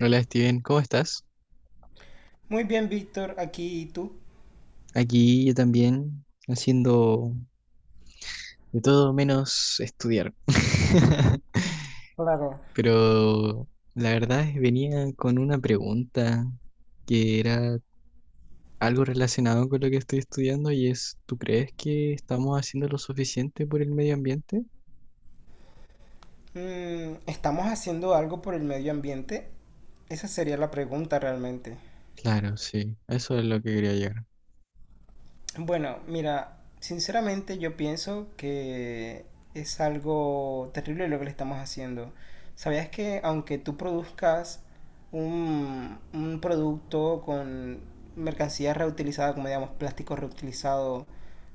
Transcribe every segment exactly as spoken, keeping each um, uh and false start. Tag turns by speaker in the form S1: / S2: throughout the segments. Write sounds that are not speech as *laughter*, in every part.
S1: Hola Steven, ¿cómo estás?
S2: Muy bien, Víctor, aquí y tú.
S1: Aquí yo también haciendo de todo menos estudiar. *laughs*
S2: Claro.
S1: Pero la verdad es que venía con una pregunta que era algo relacionado con lo que estoy estudiando y es, ¿tú crees que estamos haciendo lo suficiente por el medio ambiente?
S2: Mm, ¿estamos haciendo algo por el medio ambiente? Esa sería la pregunta realmente.
S1: Claro, sí, eso es lo que quería llegar.
S2: Bueno, mira, sinceramente yo pienso que es algo terrible lo que le estamos haciendo. ¿Sabías que aunque tú produzcas un, un producto con mercancía reutilizada, como digamos plástico reutilizado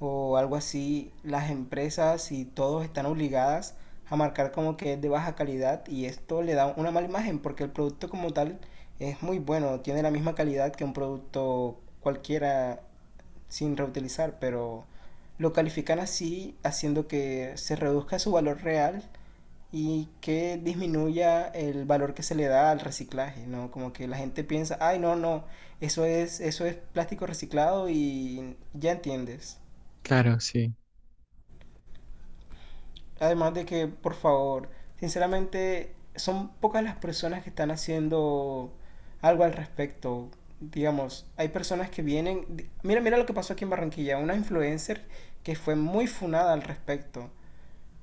S2: o algo así, las empresas y todos están obligadas a marcar como que es de baja calidad y esto le da una mala imagen porque el producto como tal es muy bueno, tiene la misma calidad que un producto cualquiera sin reutilizar, pero lo califican así, haciendo que se reduzca su valor real y que disminuya el valor que se le da al reciclaje, ¿no? Como que la gente piensa, ay, no, no, eso es, eso es plástico reciclado y ya entiendes.
S1: Claro, sí.
S2: Además de que, por favor, sinceramente, son pocas las personas que están haciendo algo al respecto. Digamos, hay personas que vienen. di- Mira, mira lo que pasó aquí en Barranquilla. Una influencer que fue muy funada al respecto.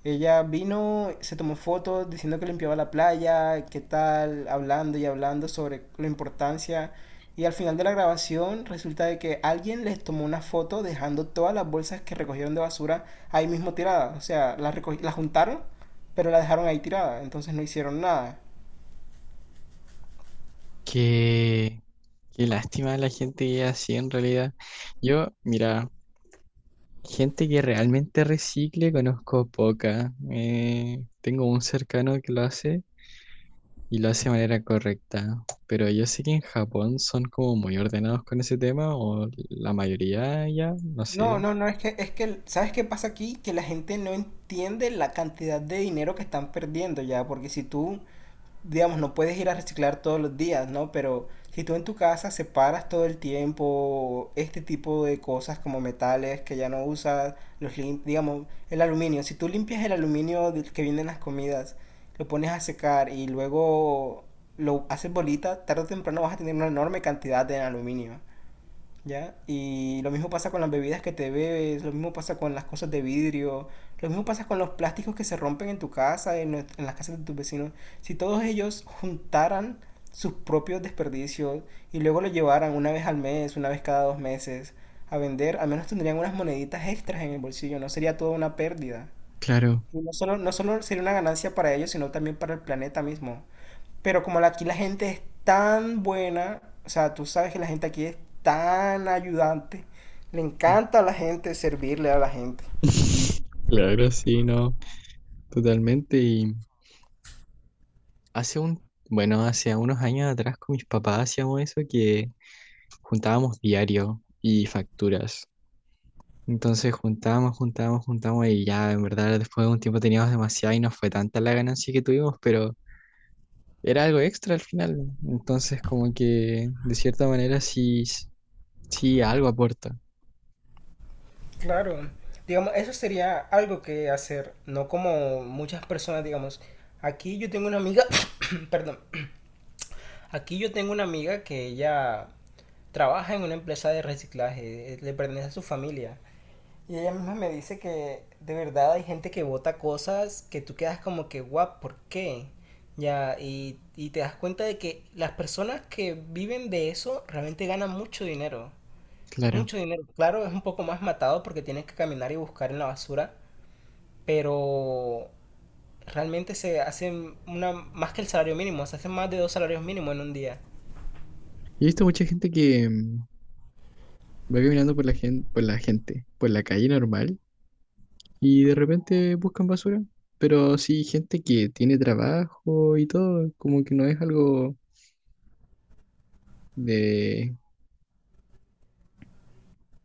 S2: Ella vino, se tomó fotos diciendo que limpiaba la playa, qué tal, hablando y hablando sobre la importancia. Y al final de la grabación resulta de que alguien les tomó una foto dejando todas las bolsas que recogieron de basura ahí mismo tiradas. O sea, las, recogi- las juntaron, pero las dejaron ahí tiradas. Entonces no hicieron nada.
S1: Qué, qué lástima la gente que es así en realidad. Yo, mira. Gente que realmente recicle conozco poca. Eh, tengo un cercano que lo hace y lo hace de manera correcta. Pero yo sé que en Japón son como muy ordenados con ese tema o la mayoría ya, no
S2: No,
S1: sé.
S2: no, no, es que, es que, ¿sabes qué pasa aquí? Que la gente no entiende la cantidad de dinero que están perdiendo ya, porque si tú digamos, no puedes ir a reciclar todos los días, ¿no? Pero si tú en tu casa separas todo el tiempo este tipo de cosas como metales que ya no usas, los lim- digamos, el aluminio, si tú limpias el aluminio del que vienen las comidas, lo pones a secar y luego lo haces bolita, tarde o temprano vas a tener una enorme cantidad de aluminio. ¿Ya? Y lo mismo pasa con las bebidas que te bebes, lo mismo pasa con las cosas de vidrio, lo mismo pasa con los plásticos que se rompen en tu casa, en, en las casas de tus vecinos. Si todos ellos juntaran sus propios desperdicios y luego lo llevaran una vez al mes, una vez cada dos meses a vender, al menos tendrían unas moneditas extras en el bolsillo, no sería toda una pérdida.
S1: Claro.
S2: Y no solo, no solo sería una ganancia para ellos, sino también para el planeta mismo. Pero como la- aquí la gente es tan buena, o sea, tú sabes que la gente aquí es tan ayudante, le encanta a la gente servirle a la gente.
S1: *laughs* Claro, sí, no. Totalmente. Y hace un, bueno, hace unos años atrás con mis papás hacíamos eso que juntábamos diario y facturas. Entonces juntamos, juntamos, juntamos y ya en verdad después de un tiempo teníamos demasiado y no fue tanta la ganancia que tuvimos, pero era algo extra al final, ¿no? Entonces como que de cierta manera sí, s- sí algo aporta,
S2: Claro, digamos, eso sería algo que hacer, no como muchas personas, digamos, aquí yo tengo una amiga, *coughs* perdón, aquí yo tengo una amiga que ella trabaja en una empresa de reciclaje, eh, le pertenece a su familia. Y ella misma me dice que de verdad hay gente que vota cosas que tú quedas como que, guau, ¿por qué? Ya, y, y te das cuenta de que las personas que viven de eso realmente ganan mucho dinero.
S1: claro.
S2: Mucho dinero. Claro, es un poco más matado porque tienes que caminar y buscar en la basura, pero realmente se hacen una, más que el salario mínimo, se hacen más de dos salarios mínimos en un día.
S1: He visto mucha gente que mm, va caminando por la gente, por la gente, por la calle normal y de repente buscan basura. Pero sí, gente que tiene trabajo y todo, como que no es algo de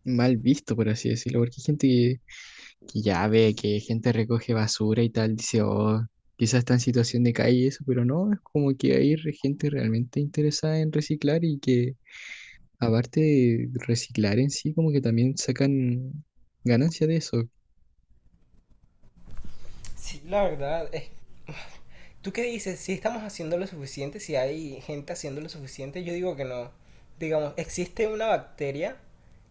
S1: mal visto, por así decirlo, porque hay gente que ya ve que gente recoge basura y tal, dice, oh, quizás está en situación de calle y eso, pero no, es como que hay re- gente realmente interesada en reciclar y que aparte de reciclar en sí, como que también sacan ganancia de eso.
S2: Sí, la verdad, es ¿tú qué dices? Si estamos haciendo lo suficiente, si hay gente haciendo lo suficiente, yo digo que no. Digamos, existe una bacteria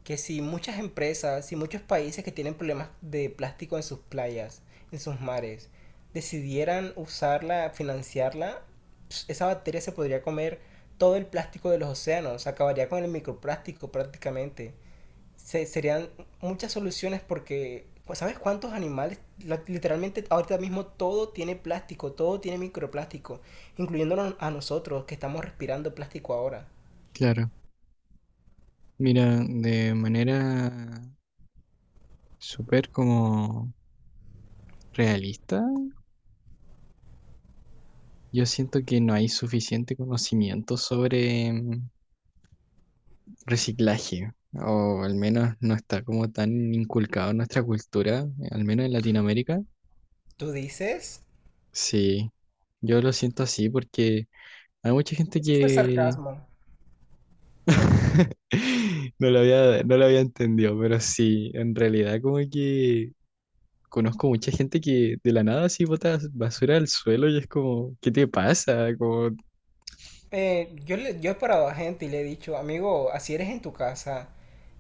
S2: que si muchas empresas, si muchos países que tienen problemas de plástico en sus playas, en sus mares, decidieran usarla, financiarla, pss, esa bacteria se podría comer todo el plástico de los océanos, acabaría con el microplástico prácticamente se- serían muchas soluciones porque, pues, ¿sabes cuántos animales? La- Literalmente ahorita mismo todo tiene plástico, todo tiene microplástico, incluyéndonos a nosotros que estamos respirando plástico ahora.
S1: Claro, mira, de manera súper como realista, yo siento que no hay suficiente conocimiento sobre mm, reciclaje. O al menos no está como tan inculcado en nuestra cultura, al menos en Latinoamérica.
S2: ¿Tú dices?
S1: Sí, yo lo siento así porque hay mucha gente
S2: Ese fue
S1: que
S2: sarcasmo.
S1: *laughs* no lo había, no lo había entendido, pero sí, en realidad como que conozco mucha gente que de la nada así bota basura al suelo y es como, ¿qué te pasa? Como…
S2: Eh, yo, le- yo he parado a gente y le he dicho, amigo, así eres en tu casa.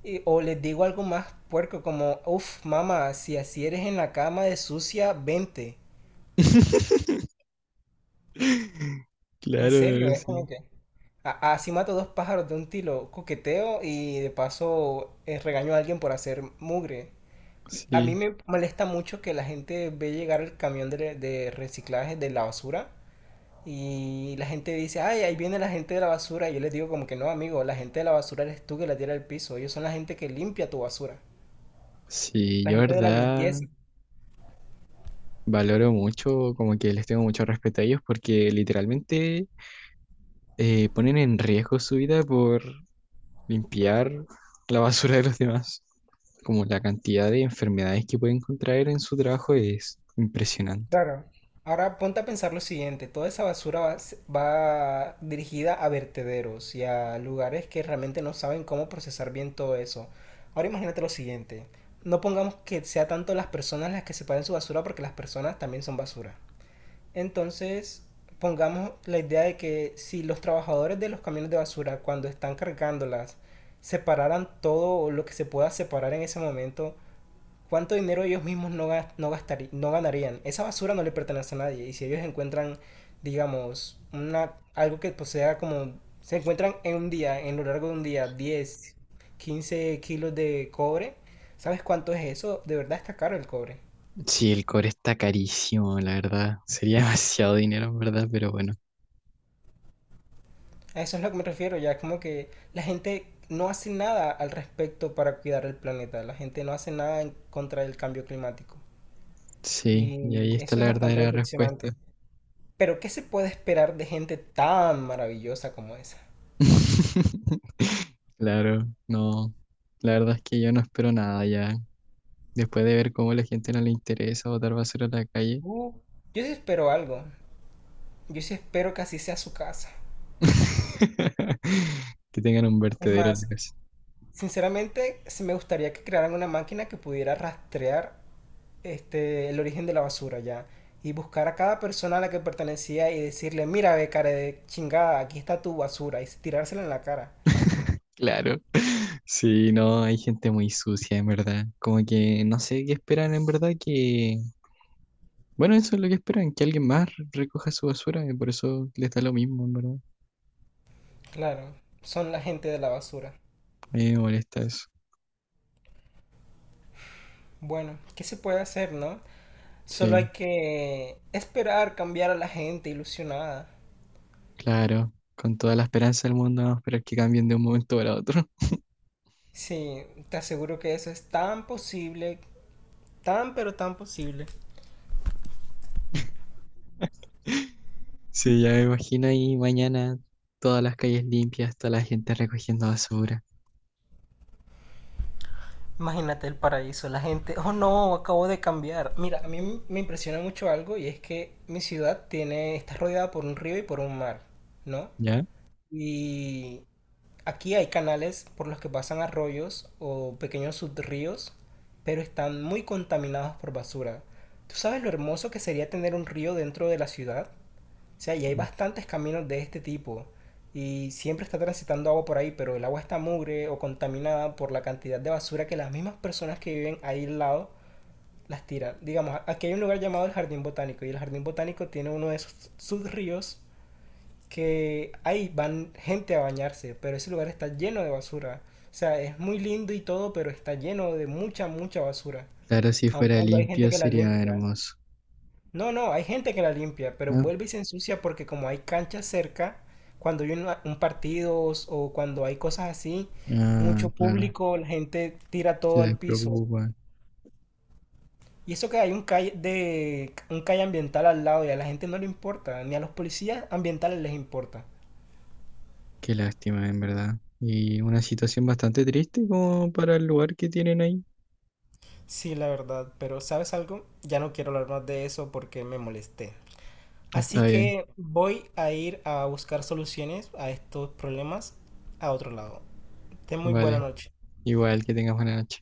S2: Y- o les digo algo más puerco como, uff, mamá, si así eres en la cama de sucia, vente.
S1: *laughs*
S2: En serio,
S1: Claro,
S2: es como
S1: sí,
S2: que a- así mato dos pájaros de un tiro, coqueteo y de paso eh, regaño a alguien por hacer mugre. A mí
S1: sí,
S2: me molesta mucho que la gente ve llegar el camión de, de reciclaje de la basura y la gente dice, ay, ahí viene la gente de la basura. Y yo les digo como que no, amigo, la gente de la basura eres tú que la tira al piso. Ellos son la gente que limpia tu basura.
S1: sí,
S2: La
S1: yo
S2: gente de la
S1: verdad
S2: limpieza.
S1: valoro mucho, como que les tengo mucho respeto a ellos porque literalmente eh, ponen en riesgo su vida por limpiar la basura de los demás. Como la cantidad de enfermedades que pueden contraer en su trabajo es impresionante.
S2: Claro. Ahora ponte a pensar lo siguiente, toda esa basura va, s- va dirigida a vertederos y a lugares que realmente no saben cómo procesar bien todo eso. Ahora imagínate lo siguiente, no pongamos que sea tanto las personas las que separen su basura porque las personas también son basura. Entonces, pongamos la idea de que si los trabajadores de los camiones de basura cuando están cargándolas separaran todo lo que se pueda separar en ese momento, ¿cuánto dinero ellos mismos no, gas- no, gastarí- no ganarían? Esa basura no le pertenece a nadie. Y si ellos encuentran, digamos, una, algo que posea como... Se encuentran en un día, en lo largo de un día, diez, quince kilos de cobre. ¿Sabes cuánto es eso? De verdad está caro el cobre.
S1: Sí, el cobre está carísimo, la verdad. Sería *laughs* demasiado dinero, en verdad, pero bueno.
S2: A eso es lo que me refiero. Ya es como que la gente no hace nada al respecto para cuidar el planeta. La gente no hace nada en contra del cambio climático.
S1: Sí, y ahí
S2: Y
S1: está
S2: eso es
S1: la
S2: bastante
S1: verdadera
S2: decepcionante.
S1: respuesta.
S2: Pero ¿qué se puede esperar de gente tan maravillosa como esa?
S1: *laughs* Claro, no. La verdad es que yo no espero nada ya. Después de ver cómo a la gente no le interesa botar basura a la calle,
S2: Uh, Yo sí espero algo. Yo sí espero que así sea su casa.
S1: *laughs* que tengan un
S2: Es
S1: vertedero en la
S2: más,
S1: casa.
S2: sinceramente, sí me gustaría que crearan una máquina que pudiera rastrear este, el origen de la basura ya. Y buscar a cada persona a la que pertenecía y decirle, mira, ve, cara de chingada, aquí está tu basura. Y tirársela en la cara.
S1: *laughs* Claro. Sí, no, hay gente muy sucia, en verdad. Como que no sé qué esperan, en verdad, que… Bueno, eso es lo que esperan, que alguien más recoja su basura, y por eso les da lo mismo, en verdad.
S2: Claro, son la gente de la basura.
S1: A mí me molesta eso.
S2: Bueno, ¿qué se puede hacer, no? Solo hay
S1: Sí,
S2: que esperar cambiar a la gente ilusionada.
S1: claro. Con toda la esperanza del mundo, vamos a esperar que cambien de un momento para otro.
S2: Sí, te aseguro que eso es tan posible, tan pero tan posible.
S1: *laughs* Sí, ya me imagino ahí mañana todas las calles limpias, toda la gente recogiendo basura.
S2: Imagínate el paraíso, la gente, oh no, acabo de cambiar. Mira, a mí me impresiona mucho algo y es que mi ciudad tiene, está rodeada por un río y por un mar, ¿no?
S1: ¿Ya?
S2: Y aquí hay canales por los que pasan arroyos o pequeños subríos, pero están muy contaminados por basura. ¿Tú sabes lo hermoso que sería tener un río dentro de la ciudad? O sea, y hay bastantes caminos de este tipo. Y siempre está transitando agua por ahí, pero el agua está mugre o contaminada por la cantidad de basura que las mismas personas que viven ahí al lado las tiran. Digamos, aquí hay un lugar llamado el Jardín Botánico y el Jardín Botánico tiene uno de esos sus ríos que ahí van gente a bañarse, pero ese lugar está lleno de basura. O sea, es muy lindo y todo, pero está lleno de mucha, mucha basura.
S1: Claro, si
S2: Aun
S1: fuera
S2: cuando hay gente
S1: limpio
S2: que la
S1: sería
S2: limpia.
S1: hermoso.
S2: No, no, hay gente que la limpia, pero
S1: Ah,
S2: vuelve y se ensucia porque como hay canchas cerca, cuando hay una- un, partido o cuando hay cosas así,
S1: ah,
S2: mucho
S1: claro.
S2: público, la gente tira
S1: Se
S2: todo al piso.
S1: despreocupa.
S2: Y eso que hay un calle de un calle ambiental al lado y a la gente no le importa, ni a los policías ambientales les importa.
S1: Qué lástima, en verdad. Y una situación bastante triste como para el lugar que tienen ahí.
S2: Sí, la verdad, pero ¿sabes algo? Ya no quiero hablar más de eso porque me molesté. Así
S1: Está bien,
S2: que voy a ir a buscar soluciones a estos problemas a otro lado. Ten muy buena
S1: vale.
S2: noche.
S1: Igual que tengas buena noche.